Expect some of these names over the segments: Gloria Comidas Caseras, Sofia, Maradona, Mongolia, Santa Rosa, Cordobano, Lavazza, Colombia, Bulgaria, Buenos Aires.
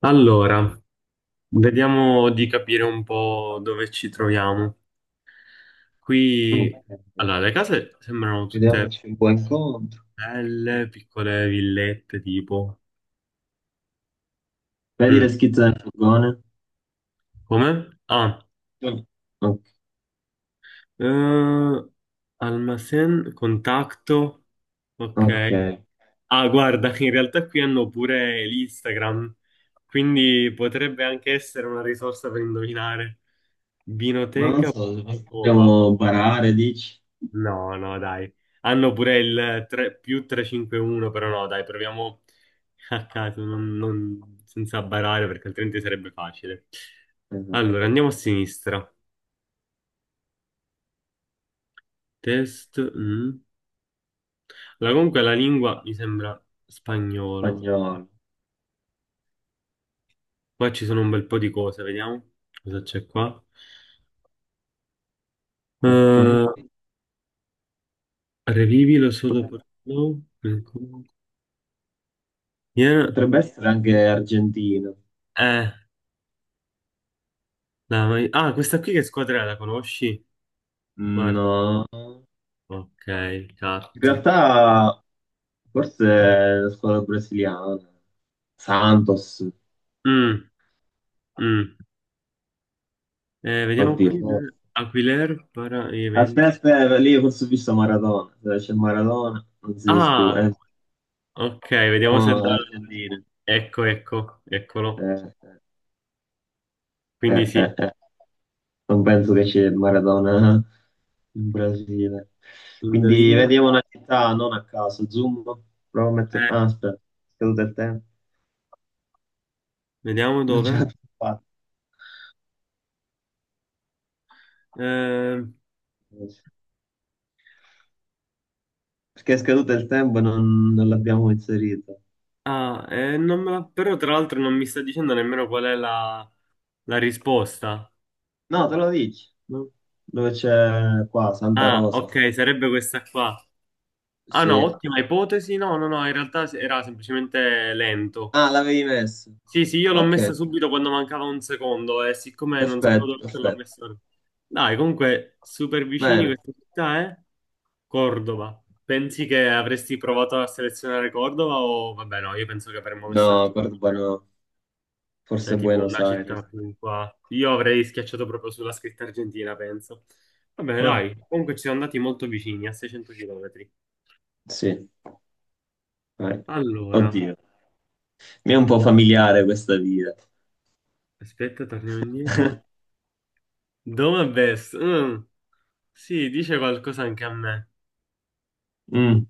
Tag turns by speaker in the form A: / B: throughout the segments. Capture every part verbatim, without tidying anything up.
A: Allora, vediamo di capire un po' dove ci troviamo.
B: Ok,
A: Qui, allora, le case sembrano tutte
B: vediamoci un buon incontro.
A: belle, piccole villette, tipo.
B: Vedi le
A: Mm.
B: schizze del furgone?
A: Come? Ah,
B: Mm. O-
A: eh, Almacén, contatto, ok.
B: Ok,
A: Ah, guarda, in realtà qui hanno pure l'Instagram, quindi potrebbe anche essere una risorsa per indovinare.
B: ma non so,
A: Vinoteca.pub.
B: dobbiamo barare, dici?
A: No, no, dai. Hanno pure il tre, più trecentocinquantuno, però no, dai, proviamo a caso, non- non- senza barare, perché altrimenti sarebbe facile.
B: Esatto.
A: Allora, andiamo a sinistra. Test. Mm. Allora, comunque la lingua mi sembra spagnolo.
B: Spagnolo.
A: Qua ci sono un bel po' di cose, vediamo cosa c'è qua.
B: Ok,
A: Eh, Revivilo solo per...
B: Pot-
A: no, ancora. Viene-
B: potrebbe essere anche argentino.
A: Eh, la- ah, Questa qui che squadra è? La conosci? Guarda.
B: No, in
A: Ok, cat.
B: realtà forse la squadra brasiliana. Santos,
A: Mm, mm. Eh, vediamo
B: oddio.
A: qui. Aquiler para
B: Aspetta,
A: evento.
B: aspetta, lì forse ho visto Maradona. Dove c'è Maradona, non si discute.
A: Ah,
B: Eh,
A: ok, vediamo se
B: siamo
A: da...
B: argentini.
A: Ecco, ecco, eccolo.
B: Eh,
A: Quindi
B: eh,
A: sì,
B: eh, eh. eh, Non penso che c'è Maradona in Brasile. Quindi
A: indovina.
B: vediamo una città non a caso. Zoom, provo a mettere...
A: Eh,
B: Ah, aspetta, è scaduto il tempo.
A: Vediamo
B: Non ce
A: dove.
B: l'abbiamo fatta.
A: Eh,
B: Perché è scaduto il tempo e non, non l'abbiamo inserito.
A: ah, eh, non me la- Però tra l'altro non mi sta dicendo nemmeno qual è la, la risposta.
B: No, te lo dici, no? Dove c'è qua, Santa
A: Ah,
B: Rosa.
A: ok, sarebbe questa qua. Ah no,
B: Sì.
A: ottima ipotesi. No, no, no, in realtà era semplicemente lento.
B: Ah, l'avevi messo.
A: Sì, sì, io l'ho
B: Ok.
A: messa subito quando mancava un secondo e siccome non sapevo
B: Perfetto,
A: dove metterla, l'ho
B: perfetto.
A: messa. ora. Dai, comunque, super vicini
B: Bene.
A: questa città, eh? Cordova. Pensi che avresti provato a selezionare Cordova o vabbè no, io penso che avremmo messo
B: No,
A: Argentina,
B: Cordobano,
A: cioè
B: forse
A: tipo
B: Buenos
A: una città
B: Aires.
A: più qua. Io avrei schiacciato proprio sulla scritta Argentina, penso. Vabbè,
B: Ah,
A: dai, comunque ci siamo andati molto vicini, a seicento chilometri.
B: sì, vai.
A: Allora,
B: Oddio, mi è un po' familiare questa via.
A: aspetta, torniamo indietro. Dove best? Mm, sì, dice qualcosa anche a me.
B: Mm.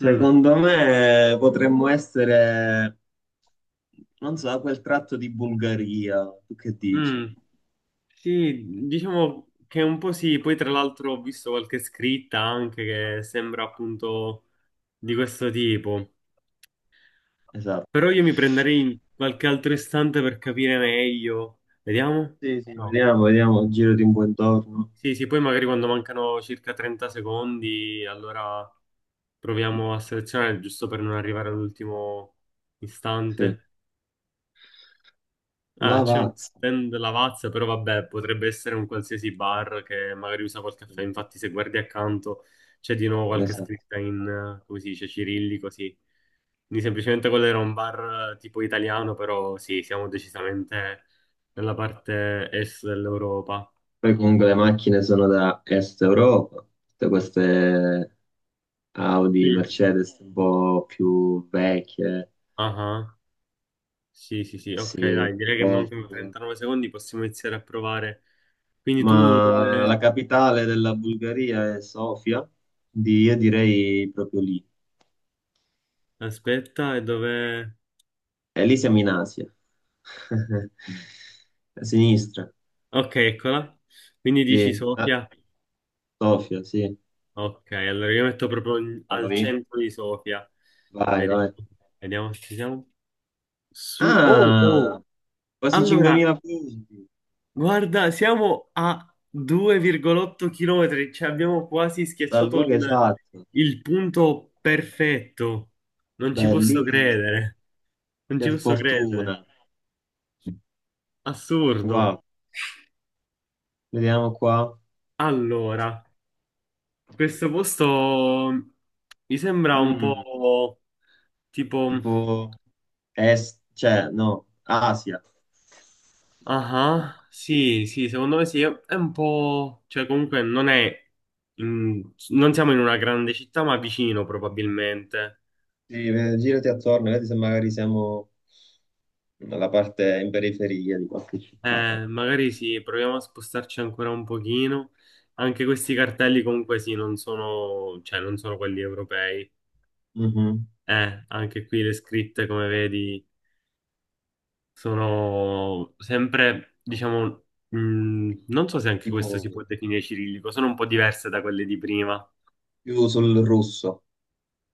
A: Mm,
B: me potremmo essere, non so, quel tratto di Bulgaria. Tu che dici?
A: mm. Sì, diciamo che un po' sì, poi tra l'altro ho visto qualche scritta anche che sembra appunto di questo tipo,
B: Esatto.
A: però io mi prenderei qualche altro istante per capire meglio. Vediamo?
B: Sì, sì,
A: No.
B: vediamo, vediamo, girati un po' intorno.
A: Sì, sì, poi magari quando mancano circa trenta secondi, allora proviamo a selezionare giusto per non arrivare all'ultimo
B: Sì,
A: istante. Ah, c'è uno
B: Lavazza.
A: stand Lavazza, però vabbè, potrebbe essere un qualsiasi bar che magari usa quel caffè. Infatti, se guardi accanto c'è di nuovo qualche
B: Esatto.
A: scritta in, eh, come si dice, cirillico, sì. Quindi semplicemente quello era un bar eh, tipo italiano, però sì, siamo decisamente nella parte est dell'Europa.
B: Poi comunque le macchine sono da Est Europa, tutte queste Audi,
A: Mm.
B: Mercedes un po' più vecchie,
A: Ah, sì, sì, sì, ok,
B: sì,
A: dai, direi che
B: Golf.
A: mancano trentanove secondi, possiamo iniziare a provare. Quindi tu
B: Ma la
A: dove...
B: capitale della Bulgaria è Sofia, di- io direi proprio lì.
A: Aspetta, e dove...
B: E lì siamo in Asia, a sinistra,
A: Ok, eccola. Quindi dici
B: lì. Ah,
A: Sofia.
B: Sofia, sì,
A: Ok, allora io metto proprio in-
B: siamo
A: al
B: lì.
A: centro di Sofia.
B: Vai,
A: Vediamo,
B: vai.
A: vediamo se ci siamo. Su. Oh, oh.
B: Ah, quasi
A: Allora,
B: cinquemila punti,
A: guarda, siamo a due virgola otto km, cioè abbiamo quasi
B: dal
A: schiacciato
B: luogo
A: il,
B: esatto,
A: il punto perfetto. Non ci posso
B: bellissimo,
A: credere. Non
B: che
A: ci posso credere.
B: fortuna.
A: Assurdo.
B: Wow, vediamo qua.
A: Allora. Questo posto mi sembra un
B: Mm,
A: po' tipo...
B: tipo est, cioè no, Asia.
A: Ah, sì, sì, secondo me sì, è un po'... Cioè comunque non è... in- Non siamo in una grande città, ma vicino probabilmente.
B: Sì, eh, girati attorno, vedi se magari siamo nella parte in periferia di qualche città.
A: Eh, magari sì, proviamo a spostarci ancora un pochino. Anche questi cartelli comunque sì, non sono... cioè non sono quelli europei.
B: Mhm.
A: Eh, anche qui le scritte, come vedi... Sono sempre, diciamo, mh, non so se anche questo si
B: Tipo
A: può definire cirillico, sono un po' diverse da quelle di prima.
B: più sul russo,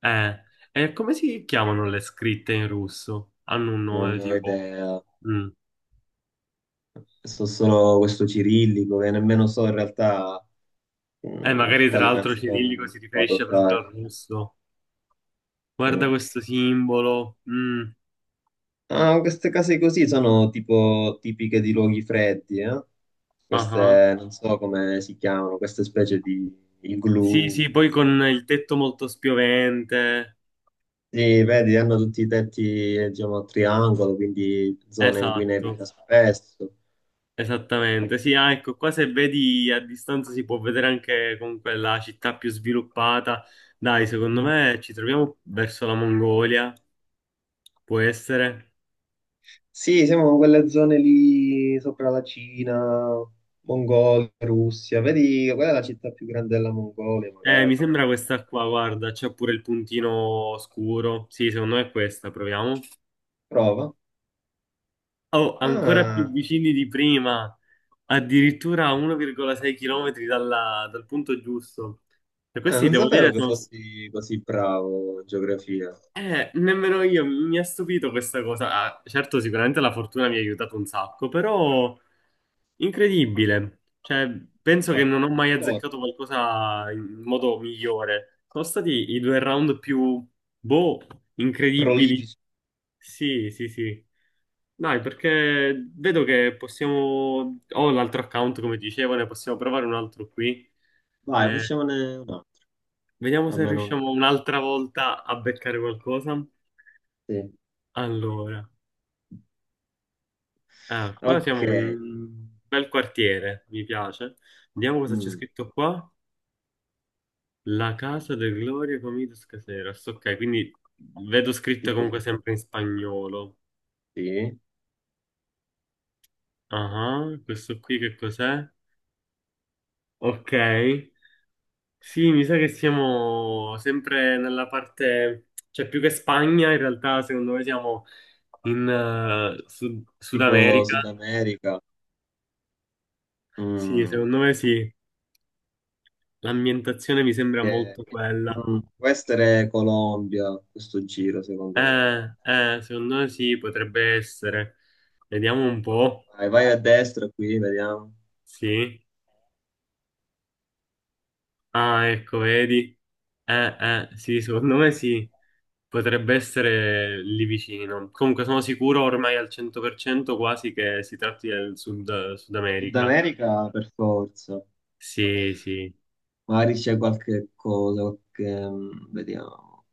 A: Eh, e come si chiamano le scritte in russo? Hanno un
B: non
A: nome
B: ne ho
A: tipo...
B: idea.
A: Mm.
B: So solo questo cirillico che nemmeno so in realtà,
A: Eh,
B: mh, per
A: magari tra
B: quali
A: l'altro
B: nazioni
A: cirillico
B: si
A: si
B: può
A: riferisce proprio al
B: adottare.
A: russo. Guarda
B: Mm.
A: questo simbolo. Mm.
B: Ah, queste case così sono tipo tipiche di luoghi freddi, eh?
A: Ah ah.
B: Queste, non so come si chiamano, queste specie di
A: Sì,
B: igloo.
A: sì, poi con il tetto molto spiovente.
B: Sì, vedi, hanno tutti i tetti, eh, diciamo, a triangolo, quindi zone in cui nevica
A: Esatto.
B: spesso.
A: Esattamente, sì, ah, ecco, qua se vedi a distanza si può vedere anche comunque la città più sviluppata. Dai, secondo
B: Mhm.
A: me ci troviamo verso la Mongolia, può essere.
B: Sì, siamo in quelle zone lì sopra la Cina, Mongolia, Russia. Vedi, quella è la città più grande della Mongolia,
A: Eh, mi
B: magari.
A: sembra questa qua, guarda, c'è pure il puntino scuro. Sì, secondo me è questa, proviamo.
B: Prova.
A: Oh, ancora più
B: Ah,
A: vicini di prima, addirittura a uno virgola sei km dal punto giusto. E
B: ah,
A: questi,
B: non
A: devo
B: sapevo
A: dire,
B: che
A: sono,
B: fossi così bravo in geografia.
A: Eh, nemmeno io mi mi ha stupito questa cosa. Ah, certo, sicuramente la fortuna mi ha aiutato un sacco, però incredibile. Cioè, penso che
B: Ah,
A: non ho mai
B: per favore,
A: azzeccato qualcosa in modo migliore. Sono stati i due round più, boh, incredibili.
B: prolifici.
A: Sì, sì, sì. Dai, perché vedo che possiamo... Ho l'altro account, come dicevo, ne possiamo provare un altro qui.
B: Vai,
A: Eh,
B: facciamone un altro,
A: Vediamo se
B: almeno uno,
A: riusciamo un'altra volta a beccare qualcosa.
B: sì.
A: Allora. Ah, qua siamo
B: Ok,
A: in un bel quartiere, mi piace. Vediamo cosa c'è
B: mm,
A: scritto qua. La casa del Gloria Comidas Caseras. Ok, quindi vedo scritto
B: tipo,
A: comunque sempre in spagnolo.
B: sì,
A: Ah, questo qui che cos'è? Ok. Sì, mi sa che siamo sempre nella parte... Cioè, più che Spagna, in realtà, secondo me siamo in eh, Sud Sud
B: tipo
A: America.
B: Sud America,
A: Sì,
B: mm,
A: secondo me sì. L'ambientazione mi sembra molto
B: che-
A: quella.
B: mm, può essere Colombia, questo giro secondo me.
A: Eh, eh, secondo me sì, potrebbe essere. Vediamo un po'.
B: Vai, vai a destra qui, vediamo.
A: Sì. Ah, ecco, vedi. Eh, eh, sì, secondo me sì. Potrebbe essere lì vicino. Comunque sono sicuro ormai al cento per cento quasi che si tratti del Sud, Sud
B: Sud
A: America.
B: America per forza,
A: Sì, sì.
B: magari c'è qualche cosa, qualche, mm, vediamo,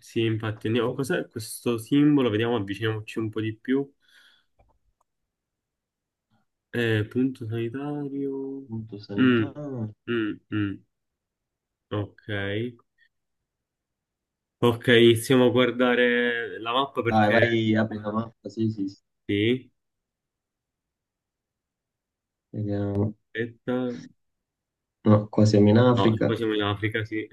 A: Sì, infatti. Andiamo. Cos'è questo simbolo? Vediamo, avviciniamoci un po' di più. Eh, punto sanitario.
B: punto
A: Mm,
B: sanità.
A: mm, mm. Ok. Ok, stiamo a guardare la mappa
B: Vai,
A: perché...
B: vai, apri la mappa, sì, sì, sì.
A: Sì,
B: Vediamo.
A: aspetta.
B: No, qua siamo in
A: No, qua
B: Africa,
A: siamo in Africa, sì.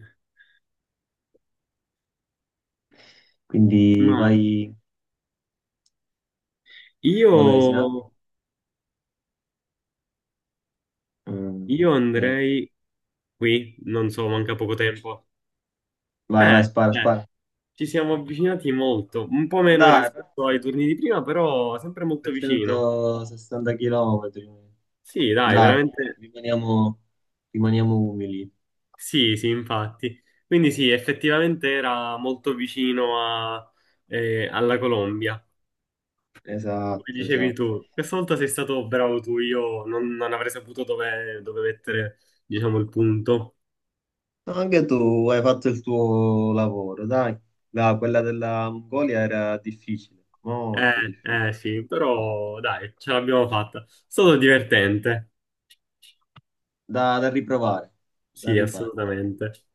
B: quindi
A: Ma
B: vai
A: io,
B: qua dove siamo. Mm,
A: io
B: ok.
A: andrei qui, non so, manca poco tempo.
B: Vai, vai,
A: Eh,
B: spara,
A: eh,
B: spara.
A: Ci siamo avvicinati molto, un po'
B: Ah,
A: meno
B: dai,
A: rispetto ai
B: perfetto.
A: turni di prima, però sempre molto vicino.
B: trecentosessanta chilometri.
A: Sì, dai,
B: Dai,
A: veramente.
B: rimaniamo, rimaniamo umili.
A: Sì, sì, infatti. Quindi sì, effettivamente era molto vicino a- eh, alla Colombia. Come
B: Esatto,
A: dicevi
B: esatto.
A: tu, questa volta sei stato bravo tu, io non, non avrei saputo dove, dove mettere, diciamo, il punto.
B: No, anche tu hai fatto il tuo lavoro, dai. Dai, quella della Mongolia era difficile, molto
A: Eh,
B: difficile.
A: eh sì, però dai, ce l'abbiamo fatta. È stato divertente.
B: Da, da riprovare, da
A: Sì,
B: ripare.
A: assolutamente.